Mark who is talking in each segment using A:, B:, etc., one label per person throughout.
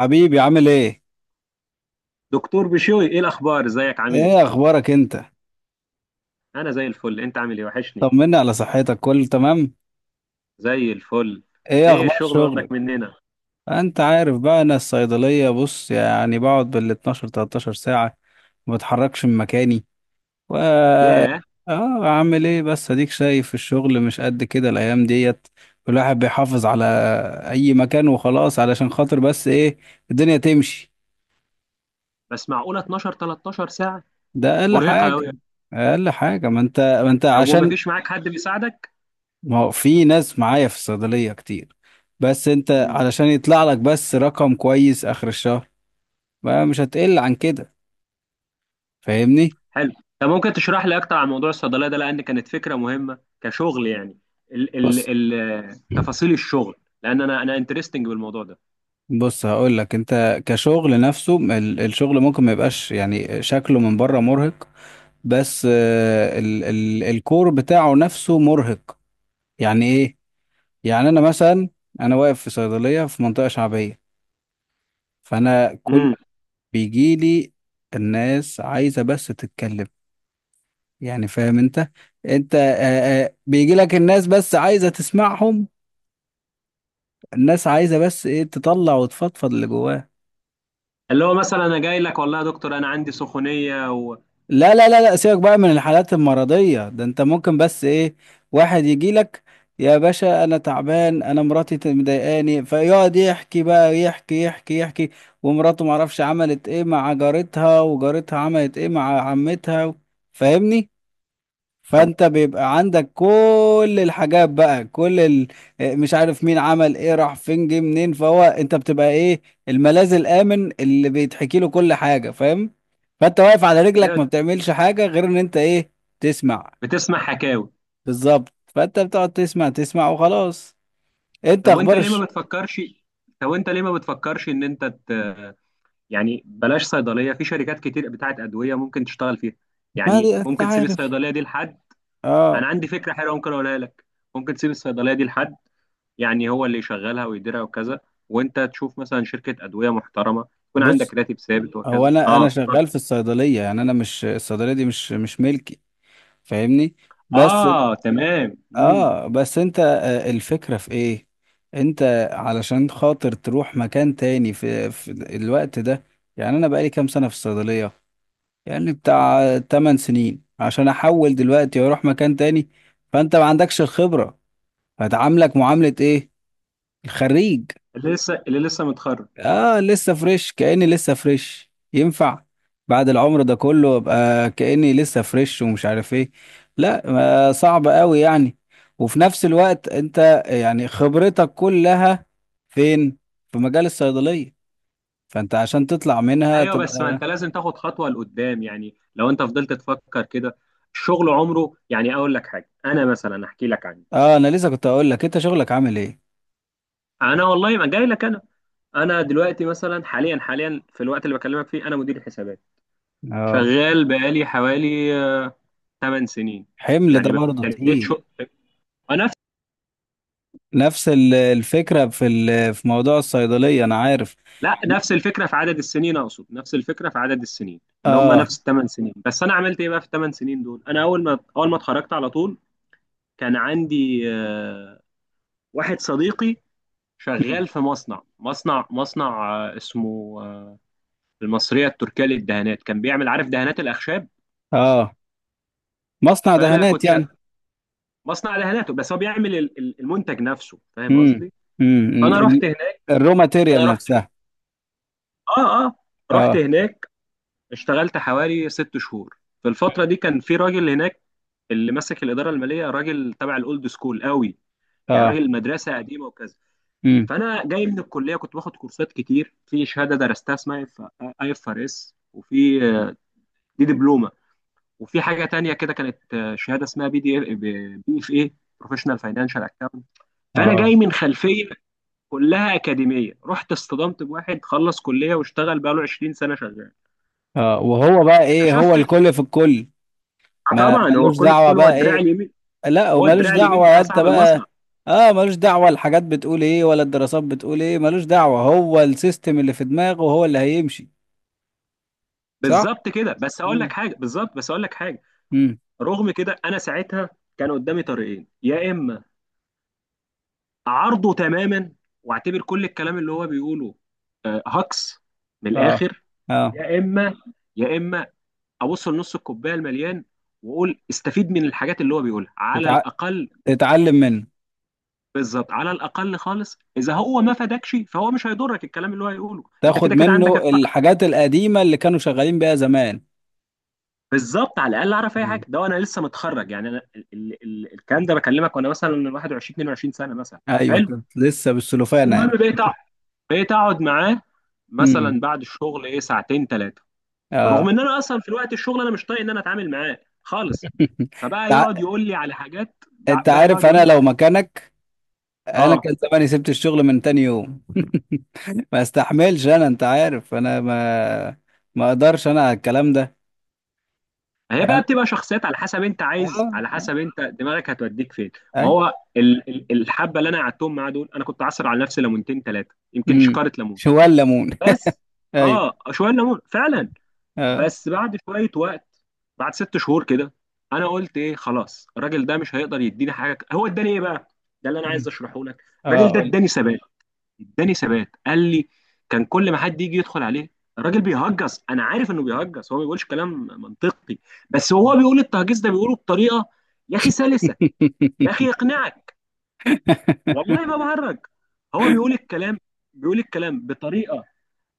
A: حبيبي عامل ايه؟
B: دكتور بشوي، ايه الاخبار؟ ازيك؟ عامل ايه؟
A: ايه اخبارك انت؟
B: انا زي الفل. انت عامل ايه؟ وحشني.
A: طمنا على صحتك، كله تمام؟
B: زي الفل.
A: ايه
B: ايه
A: اخبار
B: الشغل
A: شغلك؟
B: واخدك مننا؟
A: انت عارف بقى، انا الصيدلية بص يعني بقعد بال 12 13 ساعة، ما بتحركش من مكاني. و
B: ياه.
A: عامل ايه؟ بس اديك شايف الشغل مش قد كده الايام ديت. الواحد بيحافظ على اي مكان وخلاص، علشان خاطر بس ايه، الدنيا تمشي.
B: بس معقوله 12 13 ساعه؟
A: ده اقل
B: مرهقه قوي.
A: حاجة. اقل حاجة، ما انت
B: طب وما
A: عشان،
B: فيش معاك حد بيساعدك؟
A: ما هو في ناس معايا في الصيدلية كتير، بس انت
B: امم.
A: علشان يطلع لك بس رقم كويس اخر الشهر، بقى مش هتقل عن كده. فاهمني؟
B: حلو. طب ممكن تشرح لي اكتر عن موضوع الصيدليه ده؟ لان كانت فكره مهمه كشغل يعني. ال
A: بس
B: ال ال تفاصيل الشغل. لان انا انترستنج بالموضوع ده.
A: بص هقول لك، انت كشغل نفسه، الشغل ممكن ما يبقاش يعني شكله من بره مرهق، بس ال ال الكور بتاعه نفسه مرهق. يعني ايه؟ يعني انا مثلا، انا واقف في صيدلية في منطقة شعبية، فانا كل...
B: امم.
A: بيجيلي الناس عايزة بس تتكلم، يعني فاهم انت؟ انت بيجي لك الناس بس عايزه تسمعهم. الناس عايزه بس ايه، تطلع وتفضفض اللي جواها.
B: اللي هو مثلا انا جاي لك، والله يا دكتور انا عندي سخونيه.
A: لا لا لا لا، سيبك بقى من الحالات المرضيه ده، انت ممكن بس ايه، واحد يجي لك يا باشا انا تعبان، انا مراتي مضايقاني، فيقعد يحكي بقى، يحكي يحكي يحكي. ومراته معرفش عملت ايه مع جارتها، وجارتها عملت ايه مع عمتها. فاهمني؟
B: طب.
A: فانت بيبقى عندك كل الحاجات بقى، كل ال... مش عارف مين عمل ايه، راح فين، جه منين. فهو انت بتبقى ايه، الملاذ الامن اللي بيتحكي له كل حاجه. فاهم؟ فانت واقف على رجلك،
B: ايوه،
A: ما بتعملش حاجه غير ان انت ايه، تسمع.
B: بتسمع حكاوي.
A: بالظبط، فانت بتقعد تسمع تسمع وخلاص. انت
B: طب وانت ليه ما
A: اخبارش؟
B: بتفكرش طب وانت ليه ما بتفكرش يعني بلاش صيدليه، في شركات كتير بتاعت ادويه ممكن تشتغل فيها.
A: ما
B: يعني
A: دي انت
B: ممكن تسيب
A: عارف.
B: الصيدليه دي لحد. انا
A: اه،
B: عندي فكره حلوه ممكن اقولها لك. ممكن تسيب الصيدليه دي لحد، يعني هو اللي يشغلها ويديرها وكذا. وانت تشوف مثلا شركه ادويه محترمه، يكون عندك
A: بص،
B: راتب ثابت
A: هو
B: وكذا.
A: انا
B: اه.
A: شغال في الصيدليه، يعني انا مش الصيدليه دي مش ملكي. فاهمني؟ بس
B: اه، تمام. امم.
A: اه بس انت الفكرة في ايه؟ انت علشان خاطر تروح مكان تاني في الوقت ده؟ يعني انا بقالي كام سنة في الصيدلية، يعني بتاع 8 سنين. عشان احول دلوقتي واروح مكان تاني، فانت ما عندكش الخبرة. هتعاملك معاملة ايه، الخريج؟
B: اللي لسه متخرج.
A: اه، لسه فريش، كأني لسه فريش، ينفع؟ بعد العمر ده كله ابقى كأني لسه فريش ومش عارف ايه؟ لا، صعب قوي يعني. وفي نفس الوقت انت يعني خبرتك كلها فين؟ في مجال الصيدلية. فانت عشان تطلع منها
B: ايوه، بس ما
A: تبقى...
B: انت لازم تاخد خطوه لقدام، يعني لو انت فضلت تفكر كده الشغل عمره. يعني اقول لك حاجه، انا مثلا احكي لك عني.
A: اه، انا لسه كنت اقول لك انت شغلك عامل ايه.
B: انا والله ما جاي لك انا. انا دلوقتي مثلا حاليا، في الوقت اللي بكلمك فيه انا مدير حسابات.
A: اه،
B: شغال بقالي حوالي 8 سنين.
A: حمل ده
B: يعني
A: برضه
B: ابتديت
A: تقيل.
B: شغل نفس
A: نفس الفكرة في في موضوع الصيدلية، انا عارف.
B: لا، نفس الفكره في عدد السنين، اقصد نفس الفكره في عدد السنين. ان هم
A: اه،
B: نفس الثمان سنين، بس انا عملت ايه بقى في الثمان سنين دول؟ انا اول ما اتخرجت على طول كان عندي واحد صديقي شغال في مصنع، اسمه المصرية التركية للدهانات، كان بيعمل عارف دهانات الأخشاب.
A: اه، مصنع
B: فأنا
A: دهانات
B: كنت شغ...
A: يعني.
B: مصنع دهاناته، بس هو بيعمل المنتج نفسه، فاهم
A: امم،
B: قصدي؟
A: امم،
B: فأنا رحت هناك.
A: الرو
B: أنا
A: ماتيريال
B: رحت
A: نفسها.
B: آه آه رحت
A: اه،
B: هناك، اشتغلت حوالي 6 شهور. في الفترة دي كان في راجل هناك اللي ماسك الإدارة المالية، راجل تبع الأولد سكول قوي، يعني
A: اه،
B: راجل مدرسة قديمة وكذا.
A: امم،
B: فأنا جاي من الكلية، كنت باخد كورسات كتير، في شهادة درستها اسمها IFRS، وفي دي دبلومة. وفي حاجه تانية كده، كانت شهاده اسمها بي دي بي اف اي، بروفيشنال فاينانشال اكاونت. فانا
A: اه،
B: جاي من خلفيه كلها اكاديميه، رحت اصطدمت بواحد خلص كليه واشتغل بقاله 20 سنه شغال.
A: اه، وهو بقى ايه؟ هو
B: اكتشفت
A: الكل في الكل. ما
B: طبعا هو
A: ملوش
B: الكل في
A: دعوة
B: كل، هو
A: بقى
B: الدراع
A: ايه.
B: اليمين،
A: لا،
B: هو
A: وملوش
B: الدراع اليمين
A: دعوة
B: بتاع
A: انت
B: صاحب المصنع.
A: بقى. اه، ملوش دعوة الحاجات بتقول ايه، ولا الدراسات بتقول ايه. ملوش دعوة، هو السيستم اللي في دماغه هو اللي هيمشي. صح.
B: بالظبط كده.
A: امم.
B: بس اقول لك حاجه،
A: امم.
B: رغم كده انا ساعتها كان قدامي طريقين. يا اما اعارضه تماما واعتبر كل الكلام اللي هو بيقوله هكس من
A: اه.
B: الاخر،
A: اه.
B: يا اما يا اما ابص لنص الكوبايه المليان واقول استفيد من الحاجات اللي هو بيقولها على
A: تتع...
B: الاقل.
A: تتعلم منه.
B: بالظبط. على الاقل خالص، اذا هو ما فادكش فهو مش هيضرك الكلام اللي هو هيقوله، انت
A: تاخد
B: كده كده عندك
A: منه الحاجات القديمة اللي كانوا شغالين بيها زمان.
B: بالظبط. على الاقل اعرف اي
A: مم.
B: حاجه، ده وانا لسه متخرج، يعني انا ال ال ال الكلام ده بكلمك وانا مثلا 21 22 سنه مثلا.
A: ايوه،
B: حلو.
A: كنت لسه بالسلوفانة
B: المهم بقيت اقعد معاه
A: يعني.
B: مثلا بعد الشغل ايه ساعتين ثلاثه،
A: اه.
B: رغم ان انا اصلا في الوقت الشغل انا مش طايق ان انا اتعامل معاه خالص. فبقى
A: تع-
B: يقعد يقول لي على حاجات،
A: انت
B: بقى
A: عارف
B: يقعد يقول
A: انا
B: لي
A: لو
B: على
A: مكانك، انا
B: اه
A: كان زماني سبت الشغل من تاني يوم. ما استحملش انا. انت عارف انا ما اقدرش انا على الكلام ده.
B: هي بقى
A: انا،
B: بتبقى شخصيات، على حسب انت عايز،
A: اه،
B: على
A: آه،
B: حسب انت دماغك هتوديك فين. ما
A: اي.
B: هو الحبه اللي انا قعدتهم معاه دول انا كنت عصر على نفسي ليمونتين ثلاثه، يمكن
A: امم.
B: شكاره ليمون.
A: شو الليمون.
B: بس
A: ايوه.
B: اه، شويه ليمون فعلا.
A: اه.
B: بس بعد شويه وقت، بعد 6 شهور كده، انا قلت ايه خلاص، الراجل ده مش هيقدر يديني حاجه. هو اداني ايه بقى؟ ده اللي انا عايز
A: مم.
B: اشرحه لك،
A: اه،
B: الراجل ده
A: قول.
B: اداني ثبات. اداني ثبات، قال لي كان كل ما حد يجي يدخل عليه الراجل بيهجص، انا عارف انه بيهجص، هو ما بيقولش كلام منطقي، بس هو بيقول التهجيص ده بيقوله بطريقه يا اخي سلسه، يا اخي يقنعك، والله ما بهرج. هو بيقول الكلام، بطريقه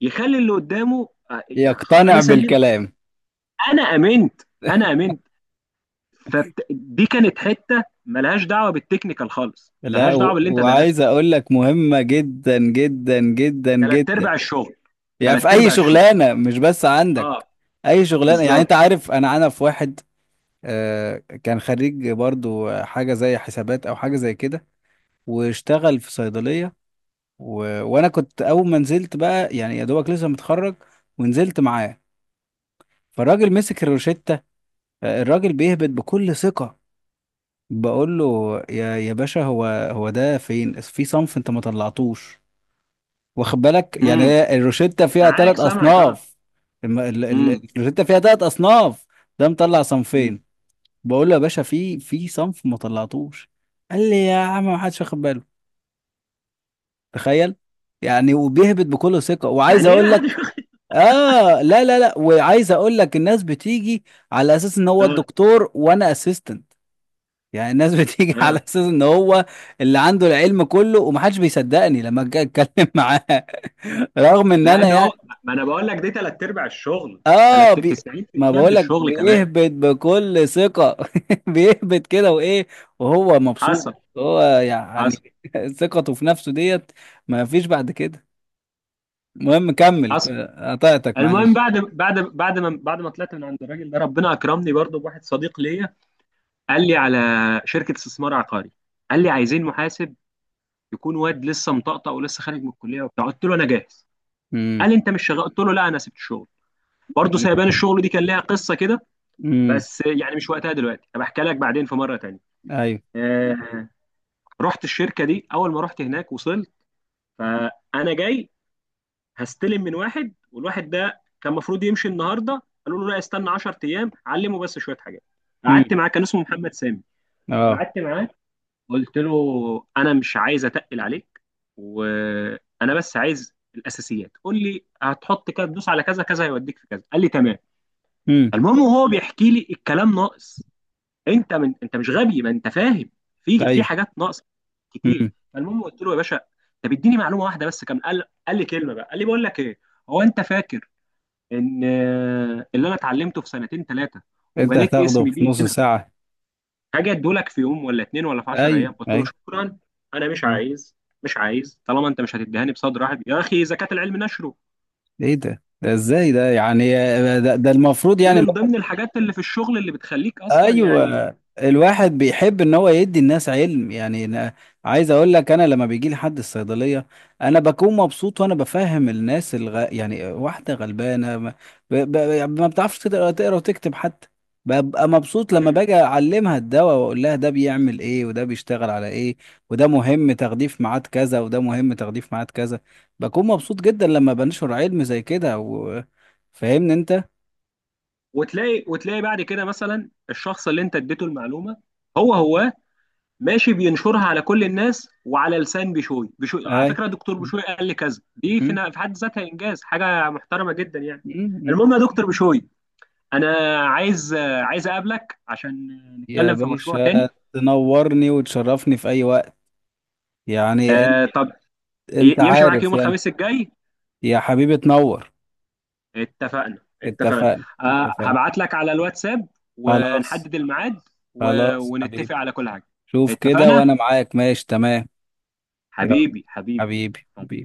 B: يخلي اللي قدامه
A: يقتنع
B: انا سلمت،
A: بالكلام.
B: انا امنت، انا امنت. فدي كانت حته ملهاش دعوه بالتكنيكال خالص،
A: لا،
B: ملهاش دعوه
A: و...
B: باللي انت
A: وعايز
B: درسته،
A: اقول لك مهمة جدا جدا جدا
B: ثلاث
A: جدا.
B: ارباع الشغل،
A: يعني
B: ثلاث
A: في اي
B: ارباع الشغل.
A: شغلانة، مش بس عندك،
B: اه،
A: اي شغلانة. يعني
B: بالظبط.
A: انت عارف، انا في واحد آه، كان خريج برضو حاجة زي حسابات أو حاجة زي كده، واشتغل في صيدلية. و... وأنا كنت أول ما نزلت بقى، يعني يا دوبك لسه متخرج، ونزلت معاه. فالراجل مسك الروشتة الراجل بيهبط بكل ثقة. بقول له يا باشا، هو ده فين؟ في صنف أنت ما طلعتوش. واخد بالك؟ يعني هي الروشتة فيها
B: معاك،
A: ثلاث
B: سامعك. اه.
A: أصناف.
B: امم.
A: الروشتة فيها ثلاث أصناف. ده مطلع
B: امم.
A: صنفين. بقول له يا باشا، في صنف ما طلعتوش. قال لي يا عم، ما حدش واخد باله. تخيل. يعني وبيهبط بكل ثقة، وعايز
B: يعني ايه
A: اقول
B: ما حدش
A: لك،
B: واخد-
A: اه، لا لا لا، وعايز اقول لك، الناس بتيجي على اساس ان هو
B: اه.
A: الدكتور وانا اسيستنت. يعني الناس بتيجي على
B: اه.
A: اساس ان هو اللي عنده العلم كله، ومحدش بيصدقني لما اجي اتكلم معاه، رغم ان
B: لانه،
A: انا.
B: ما انا بقول لك دي ثلاث ارباع الشغل.
A: اه، ما
B: 90% من
A: بقولك
B: الشغل كمان.
A: بيهبط بكل ثقة. بيهبط كده وايه، وهو مبسوط.
B: حصل.
A: هو
B: حصل.
A: يعني ثقته في نفسه ديت، ما فيش بعد كده. المهم كمل.
B: حصل.
A: قطعتك
B: المهم
A: معلش.
B: بعد ما طلعت من عند الراجل ده، ربنا اكرمني برضه بواحد صديق ليا. قال لي على شركه استثمار عقاري، قال لي عايزين محاسب يكون واد لسه مطقطق ولسه خارج من الكليه وبتاع. قلت له انا جاهز.
A: امم.
B: قال لي انت مش شغال؟ قلت له لا، انا سبت الشغل. برضه سايبان الشغل دي كان ليها قصه كده،
A: امم.
B: بس يعني مش وقتها دلوقتي، هبقى احكي لك بعدين في مره تانيه.
A: ايوه.
B: آه، رحت الشركه دي. اول ما رحت هناك وصلت، فانا جاي هستلم من واحد، والواحد ده كان المفروض يمشي النهارده، قالوا له لا استنى 10 ايام علمه بس شويه حاجات.
A: امم.
B: قعدت معاه، كان اسمه محمد سامي.
A: اه.
B: فقعدت معاه، قلت له انا مش عايز اتقل عليك، وانا بس عايز الاساسيات، قول لي هتحط كده، تدوس على كذا كذا هيوديك في كذا. قال لي تمام.
A: امم.
B: المهم وهو بيحكي لي الكلام ناقص، انت من انت مش غبي ما انت فاهم، في
A: ايوه.
B: حاجات ناقصه كتير.
A: امم.
B: فالمهم قلت له يا باشا، طب اديني معلومه واحده بس كم. قال لي كلمه بقى، قال لي بقول لك ايه، هو انت فاكر ان اللي انا اتعلمته في سنتين ثلاثه
A: انت
B: وبنيت
A: هتاخده
B: اسمي
A: في
B: ليه
A: نص
B: هنا،
A: ساعة.
B: حاجه ادولك في يوم ولا اتنين ولا في 10
A: ايوه،
B: ايام؟ قلت له
A: ايوه.
B: شكرا، انا
A: مم.
B: مش عايز طالما انت مش هتديهاني بصدر رحب. يا اخي زكاه العلم نشره.
A: ايه ده؟ ده ازاي ده يعني؟ ده المفروض
B: دي
A: يعني.
B: من ضمن الحاجات اللي في الشغل اللي بتخليك اصلا يعني.
A: ايوه، الواحد بيحب ان هو يدي الناس علم. يعني أنا عايز اقول لك، انا لما بيجي لي حد الصيدليه، انا بكون مبسوط. وانا بفهم الناس، يعني واحده غلبانه ما, ب... ب... ما بتعرفش تقرا وتكتب حتى. ببقى مبسوط لما باجي اعلمها الدواء، واقول لها ده بيعمل ايه وده بيشتغل على ايه، وده مهم تغليف ميعاد كذا وده مهم تغليف ميعاد كذا. بكون مبسوط جدا لما بنشر علم زي كده. و... فاهمني انت؟
B: وتلاقي بعد كده مثلا الشخص اللي انت اديته المعلومه، هو ماشي بينشرها على كل الناس، وعلى لسان بشوي بشوي على
A: اي.
B: فكره دكتور بشوي قال لي كذا، دي
A: م-
B: في حد ذاتها انجاز، حاجه محترمه جدا يعني.
A: م- م-
B: المهم يا دكتور بشوي، انا عايز اقابلك عشان
A: يا
B: نتكلم في مشروع
A: باشا
B: تاني.
A: تنورني وتشرفني في أي وقت. يعني أنت،
B: طب،
A: أنت
B: يمشي معاك
A: عارف
B: يوم
A: يعني.
B: الخميس الجاي؟
A: يا حبيبي تنور.
B: اتفقنا، اتفقنا.
A: اتفقنا، اتفقنا.
B: هبعت لك على الواتساب
A: خلاص.
B: ونحدد الميعاد
A: خلاص حبيبي.
B: ونتفق على كل حاجه.
A: شوف كده
B: اتفقنا.
A: وأنا معاك، ماشي تمام. يلا.
B: حبيبي، حبيبي،
A: حبيبي، حبيبي.
B: حبيبي.